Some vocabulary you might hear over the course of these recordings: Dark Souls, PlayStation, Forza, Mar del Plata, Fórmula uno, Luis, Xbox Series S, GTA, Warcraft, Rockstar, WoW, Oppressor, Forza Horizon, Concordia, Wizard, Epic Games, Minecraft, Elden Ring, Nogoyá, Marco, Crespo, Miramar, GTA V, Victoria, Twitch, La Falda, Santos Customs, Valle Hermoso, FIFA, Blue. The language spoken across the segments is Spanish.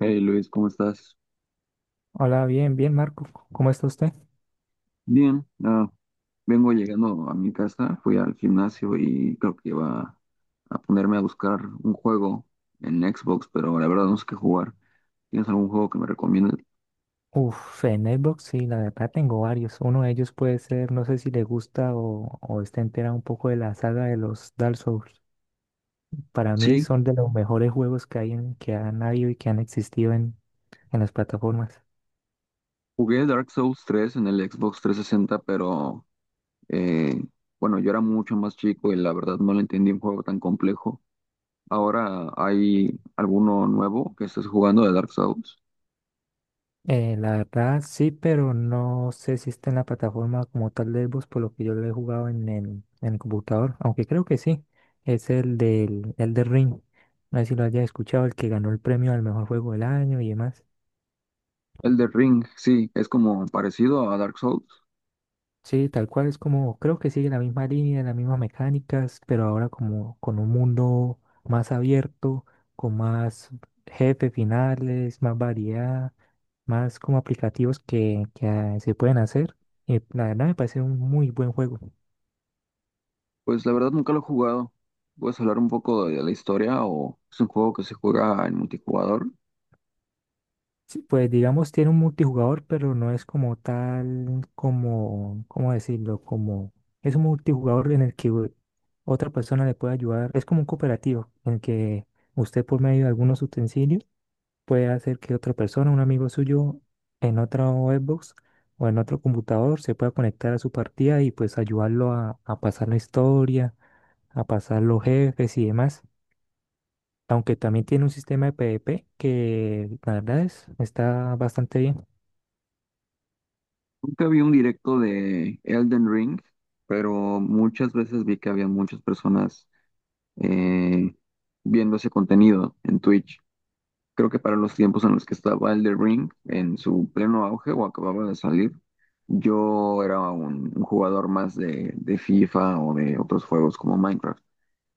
Hey Luis, ¿cómo estás? Hola, bien, bien, Marco. ¿Cómo está usted? Bien, vengo llegando a mi casa, fui al gimnasio y creo que iba a ponerme a buscar un juego en Xbox, pero la verdad no sé qué jugar. ¿Tienes algún juego que me recomiendes? Uf, en Xbox sí, la verdad tengo varios. Uno de ellos puede ser, no sé si le gusta o está entera un poco de la saga de los Dark Souls. Para mí Sí, son de los mejores juegos que hay que han habido y que han existido en las plataformas. jugué Dark Souls 3 en el Xbox 360, pero eh, bueno, yo era mucho más chico y la verdad no le entendí un juego tan complejo. Ahora hay alguno nuevo que estés jugando de Dark Souls. La verdad sí, pero no sé si está en la plataforma como tal de Xbox, por lo que yo lo he jugado en el computador, aunque creo que sí. Es el del el de Ring. No sé si lo haya escuchado, el que ganó el premio al mejor juego del año y demás. El de Ring, sí, es como parecido a Dark Souls. Sí, tal cual. Es como, creo que sigue la misma línea, las mismas mecánicas, pero ahora como con un mundo más abierto, con más jefes finales, más variedad, más como aplicativos que se pueden hacer. Y la verdad me parece un muy buen juego. Pues la verdad nunca lo he jugado. ¿Puedes hablar un poco de la historia o es un juego que se juega en multijugador? Sí, pues digamos tiene un multijugador, pero no es como tal, como, ¿cómo decirlo? Como es un multijugador en el que otra persona le puede ayudar. Es como un cooperativo en el que usted por medio de algunos utensilios puede hacer que otra persona, un amigo suyo, en otra Xbox o en otro computador se pueda conectar a su partida y pues ayudarlo a pasar la historia, a pasar los jefes y demás. Aunque también tiene un sistema de PvP que la verdad es, está bastante bien. Nunca vi un directo de Elden Ring, pero muchas veces vi que había muchas personas eh, viendo ese contenido en Twitch. Creo que para los tiempos en los que estaba Elden Ring en su pleno auge o acababa de salir, yo era un jugador más de FIFA o de otros juegos como Minecraft.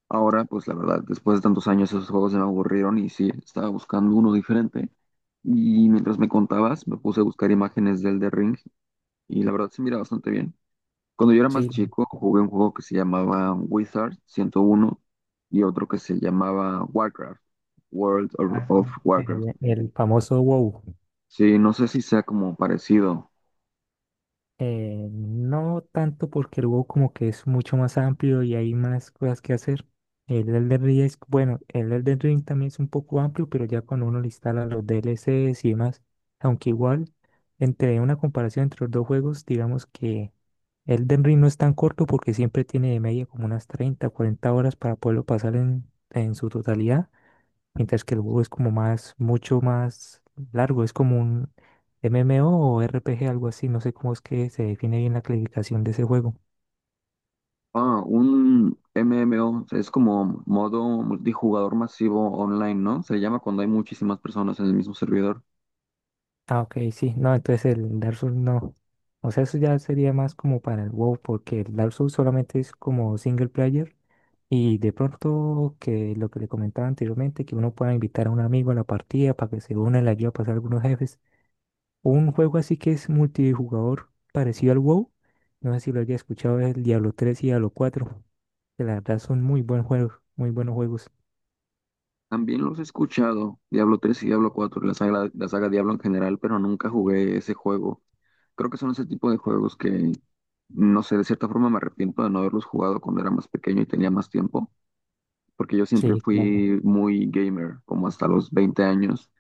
Ahora, pues la verdad, después de tantos años esos juegos se me aburrieron y sí, estaba buscando uno diferente. Y mientras me contabas, me puse a buscar imágenes del The Ring y la verdad se mira bastante bien. Cuando yo era más Sí. chico, jugué un juego que se llamaba Wizard 101 y otro que se llamaba Warcraft, World Ah, of eh, Warcraft. El, el famoso WoW. Sí, no sé si sea como parecido. No tanto porque el WoW como que es mucho más amplio y hay más cosas que hacer. El Elden Ring es, bueno, el Elden Ring también es un poco amplio, pero ya cuando uno le instala los DLCs y demás. Aunque igual, entre una comparación entre los dos juegos, digamos que Elden Ring no es tan corto porque siempre tiene de media como unas 30 40 horas para poderlo pasar en su totalidad, mientras que el WoW es como más, mucho más largo, es como un MMO o RPG, algo así, no sé cómo es que se define bien la clasificación de ese juego. Ah, un MMO, es como modo multijugador masivo online, ¿no? Se llama cuando hay muchísimas personas en el mismo servidor. Ah, ok, sí, no, entonces el Dark Souls no. O sea, eso ya sería más como para el WoW, porque el Dark Souls solamente es como single player y de pronto que lo que le comentaba anteriormente, que uno pueda invitar a un amigo a la partida para que se una y le ayude a pasar algunos jefes. Un juego así que es multijugador parecido al WoW. No sé si lo haya escuchado, es el Diablo 3 y Diablo 4. Que la verdad son muy buenos juegos, muy buenos juegos. También los he escuchado, Diablo 3 y Diablo 4, la saga Diablo en general, pero nunca jugué ese juego. Creo que son ese tipo de juegos que, no sé, de cierta forma me arrepiento de no haberlos jugado cuando era más pequeño y tenía más tiempo, porque yo siempre Sí, claro. fui muy gamer, como hasta los 20 años,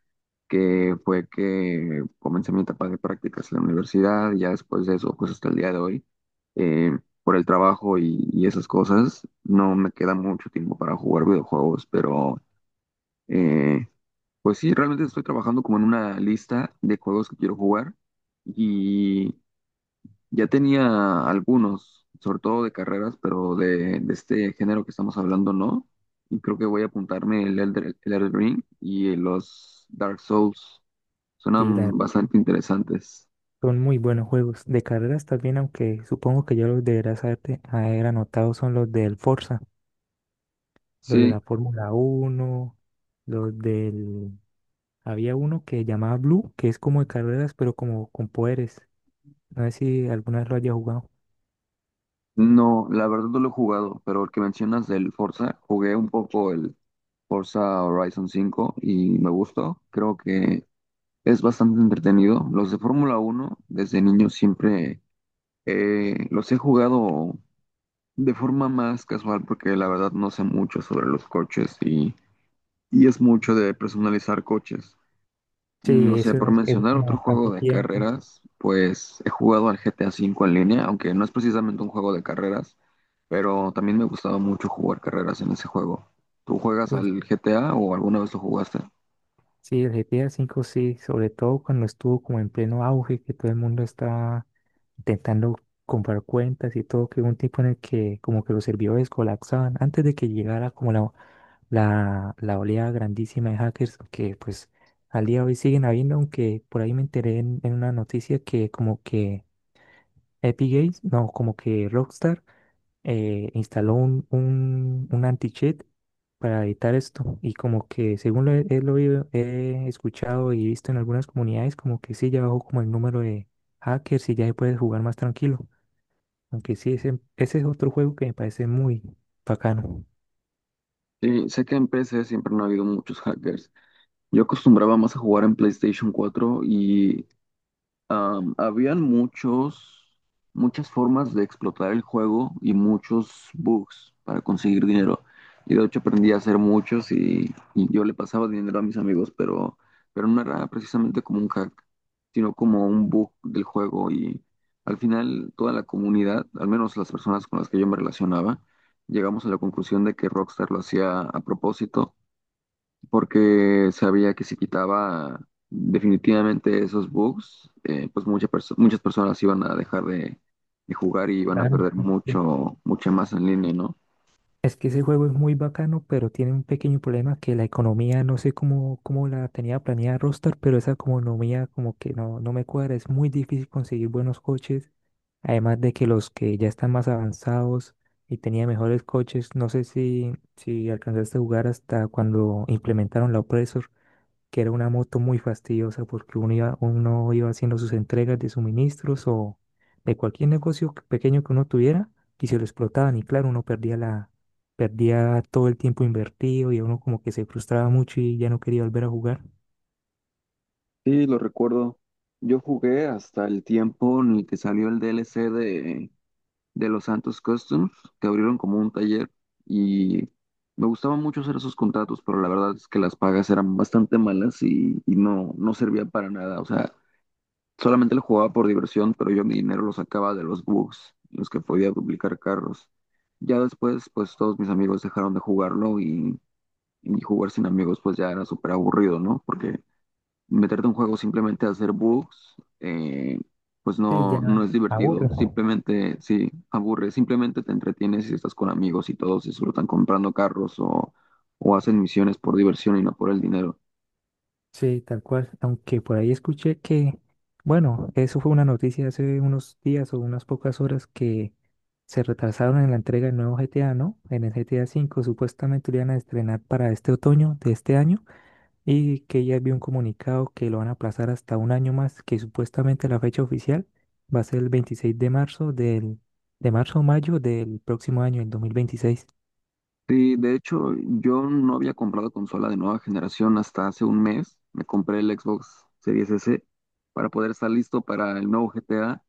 que fue que comencé mi etapa de prácticas en la universidad, y ya después de eso, pues hasta el día de hoy, eh, por el trabajo y esas cosas, no me queda mucho tiempo para jugar videojuegos, pero, eh, pues sí, realmente estoy trabajando como en una lista de juegos que quiero jugar y ya tenía algunos, sobre todo de carreras, pero de este género que estamos hablando no. Y creo que voy a apuntarme el Elden Ring y los Dark Souls. Sí, Suenan bastante interesantes. son muy buenos juegos. De carreras también, aunque supongo que ya los deberás haber anotado, son los del Forza, los de Sí, la Fórmula 1, los del... Había uno que llamaba Blue, que es como de carreras, pero como con poderes. No sé si alguna vez lo haya jugado. no, la verdad no lo he jugado, pero el que mencionas del Forza, jugué un poco el Forza Horizon 5 y me gustó. Creo que es bastante entretenido. Los de Fórmula 1 desde niño siempre los he jugado de forma más casual porque la verdad no sé mucho sobre los coches y es mucho de personalizar coches. No Sí, sé, eso por era, eso mencionar como otro juego bastante de tiempo. carreras, pues he jugado al GTA V en línea, aunque no es precisamente un juego de carreras, pero también me gustaba mucho jugar carreras en ese juego. ¿Tú juegas al GTA o alguna vez lo jugaste? Sí, el GTA 5 sí, sobre todo cuando estuvo como en pleno auge, que todo el mundo estaba intentando comprar cuentas y todo, que hubo un tipo en el que como que los servidores colapsaban antes de que llegara como la oleada grandísima de hackers, que pues al día de hoy siguen habiendo, aunque por ahí me enteré en una noticia que como que Epic Games, no, como que Rockstar instaló un anti-cheat para evitar esto. Y como que según lo he escuchado y visto en algunas comunidades, como que sí, ya bajó como el número de hackers y ya se puede jugar más tranquilo. Aunque sí, ese es otro juego que me parece muy bacano. Sí, sé que en PC siempre no ha habido muchos hackers. Yo acostumbraba más a jugar en PlayStation 4 y habían muchas formas de explotar el juego y muchos bugs para conseguir dinero. Y de hecho aprendí a hacer muchos y yo le pasaba dinero a mis amigos, pero no era precisamente como un hack, sino como un bug del juego. Y al final toda la comunidad, al menos las personas con las que yo me relacionaba, llegamos a la conclusión de que Rockstar lo hacía a propósito porque sabía que si quitaba definitivamente esos bugs, pues muchas personas iban a dejar de jugar y iban a Claro. perder Ok. Mucha más en línea, ¿no? Es que ese juego es muy bacano, pero tiene un pequeño problema que la economía, no sé cómo la tenía planeada Rockstar, pero esa economía como que no me cuadra. Es muy difícil conseguir buenos coches, además de que los que ya están más avanzados y tenían mejores coches, no sé si, si alcanzaste a jugar hasta cuando implementaron la Oppressor, que era una moto muy fastidiosa porque uno iba haciendo sus entregas de suministros o de cualquier negocio que- pequeño que uno tuviera y se lo explotaban y claro, uno perdía todo el tiempo invertido y uno como que se frustraba mucho y ya no quería volver a jugar. Sí, lo recuerdo. Yo jugué hasta el tiempo en el que salió el DLC de los Santos Customs, que abrieron como un taller y me gustaba mucho hacer esos contratos, pero la verdad es que las pagas eran bastante malas y no, no servía para nada. O sea, solamente lo jugaba por diversión, pero yo mi dinero lo sacaba de los bugs, en los que podía duplicar carros. Ya después, pues todos mis amigos dejaron de jugarlo y jugar sin amigos pues ya era súper aburrido, ¿no? Porque meterte en un juego simplemente a hacer bugs, pues Sí, no, no ya es aburre. divertido. Simplemente, sí, aburre. Simplemente te entretienes si estás con amigos y todos disfrutan comprando carros o hacen misiones por diversión y no por el dinero. Sí, tal cual. Aunque por ahí escuché que, bueno, eso fue una noticia hace unos días o unas pocas horas que se retrasaron en la entrega del nuevo GTA, ¿no? En el GTA 5, supuestamente lo iban a estrenar para este otoño de este año y que ya había un comunicado que lo van a aplazar hasta un año más, que supuestamente la fecha oficial va a ser el 26 de marzo de marzo o mayo del próximo año, el 2026. Sí, de hecho, yo no había comprado consola de nueva generación hasta hace un mes. Me compré el Xbox Series S para poder estar listo para el nuevo GTA.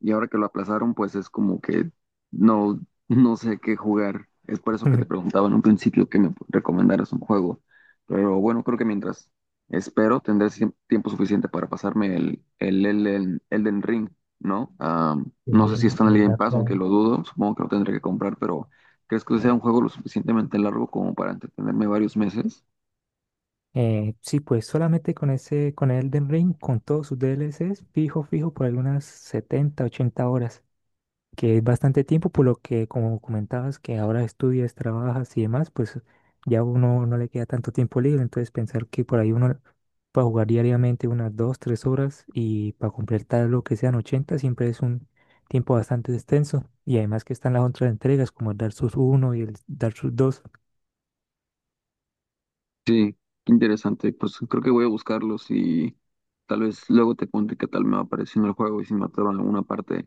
Y ahora que lo aplazaron, pues es como que no, no sé qué jugar. Es por eso que te preguntaba en un principio que me recomendaras un juego. Pero bueno, creo que mientras espero tendré tiempo suficiente para pasarme el Elden Ring, ¿no? Ah, no sé Sí, si está en el Game ¿verdad? Pass, aunque lo dudo. Supongo que lo tendré que comprar, pero ¿crees que sea un juego lo suficientemente largo como para entretenerme varios meses? Sí, pues solamente con ese, con Elden Ring, con todos sus DLCs, fijo, fijo, por algunas 70, 80 horas, que es bastante tiempo, por lo que, como comentabas, que ahora estudias, trabajas y demás, pues ya uno no le queda tanto tiempo libre, entonces pensar que por ahí uno para jugar diariamente unas 2, 3 horas y para completar lo que sean 80, siempre es un tiempo bastante extenso, y además que están las otras entregas, como el Dark Souls 1 y el Dark Souls 2. Sí, qué interesante. Pues creo que voy a buscarlos y tal vez luego te cuente qué tal me va apareciendo el juego y si me atoro en alguna parte.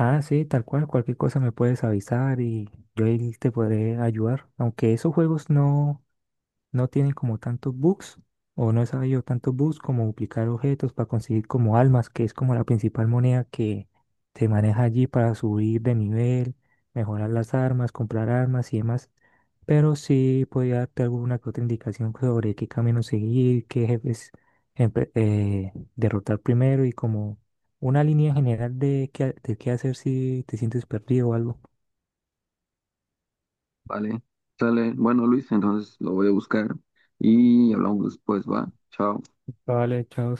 Ah, sí, tal cual, cualquier cosa me puedes avisar y yo ahí te podré ayudar. Aunque esos juegos no tienen como tantos bugs, o no he sabido tantos bugs como duplicar objetos para conseguir como almas, que es como la principal moneda que se maneja allí para subir de nivel, mejorar las armas, comprar armas y demás. Pero sí podría darte alguna que otra indicación sobre qué camino seguir, qué jefes derrotar primero y como una línea general de qué hacer si te sientes perdido o algo. Vale, sale. Bueno, Luis, entonces lo voy a buscar y hablamos después, va. Chao. Vale, chao.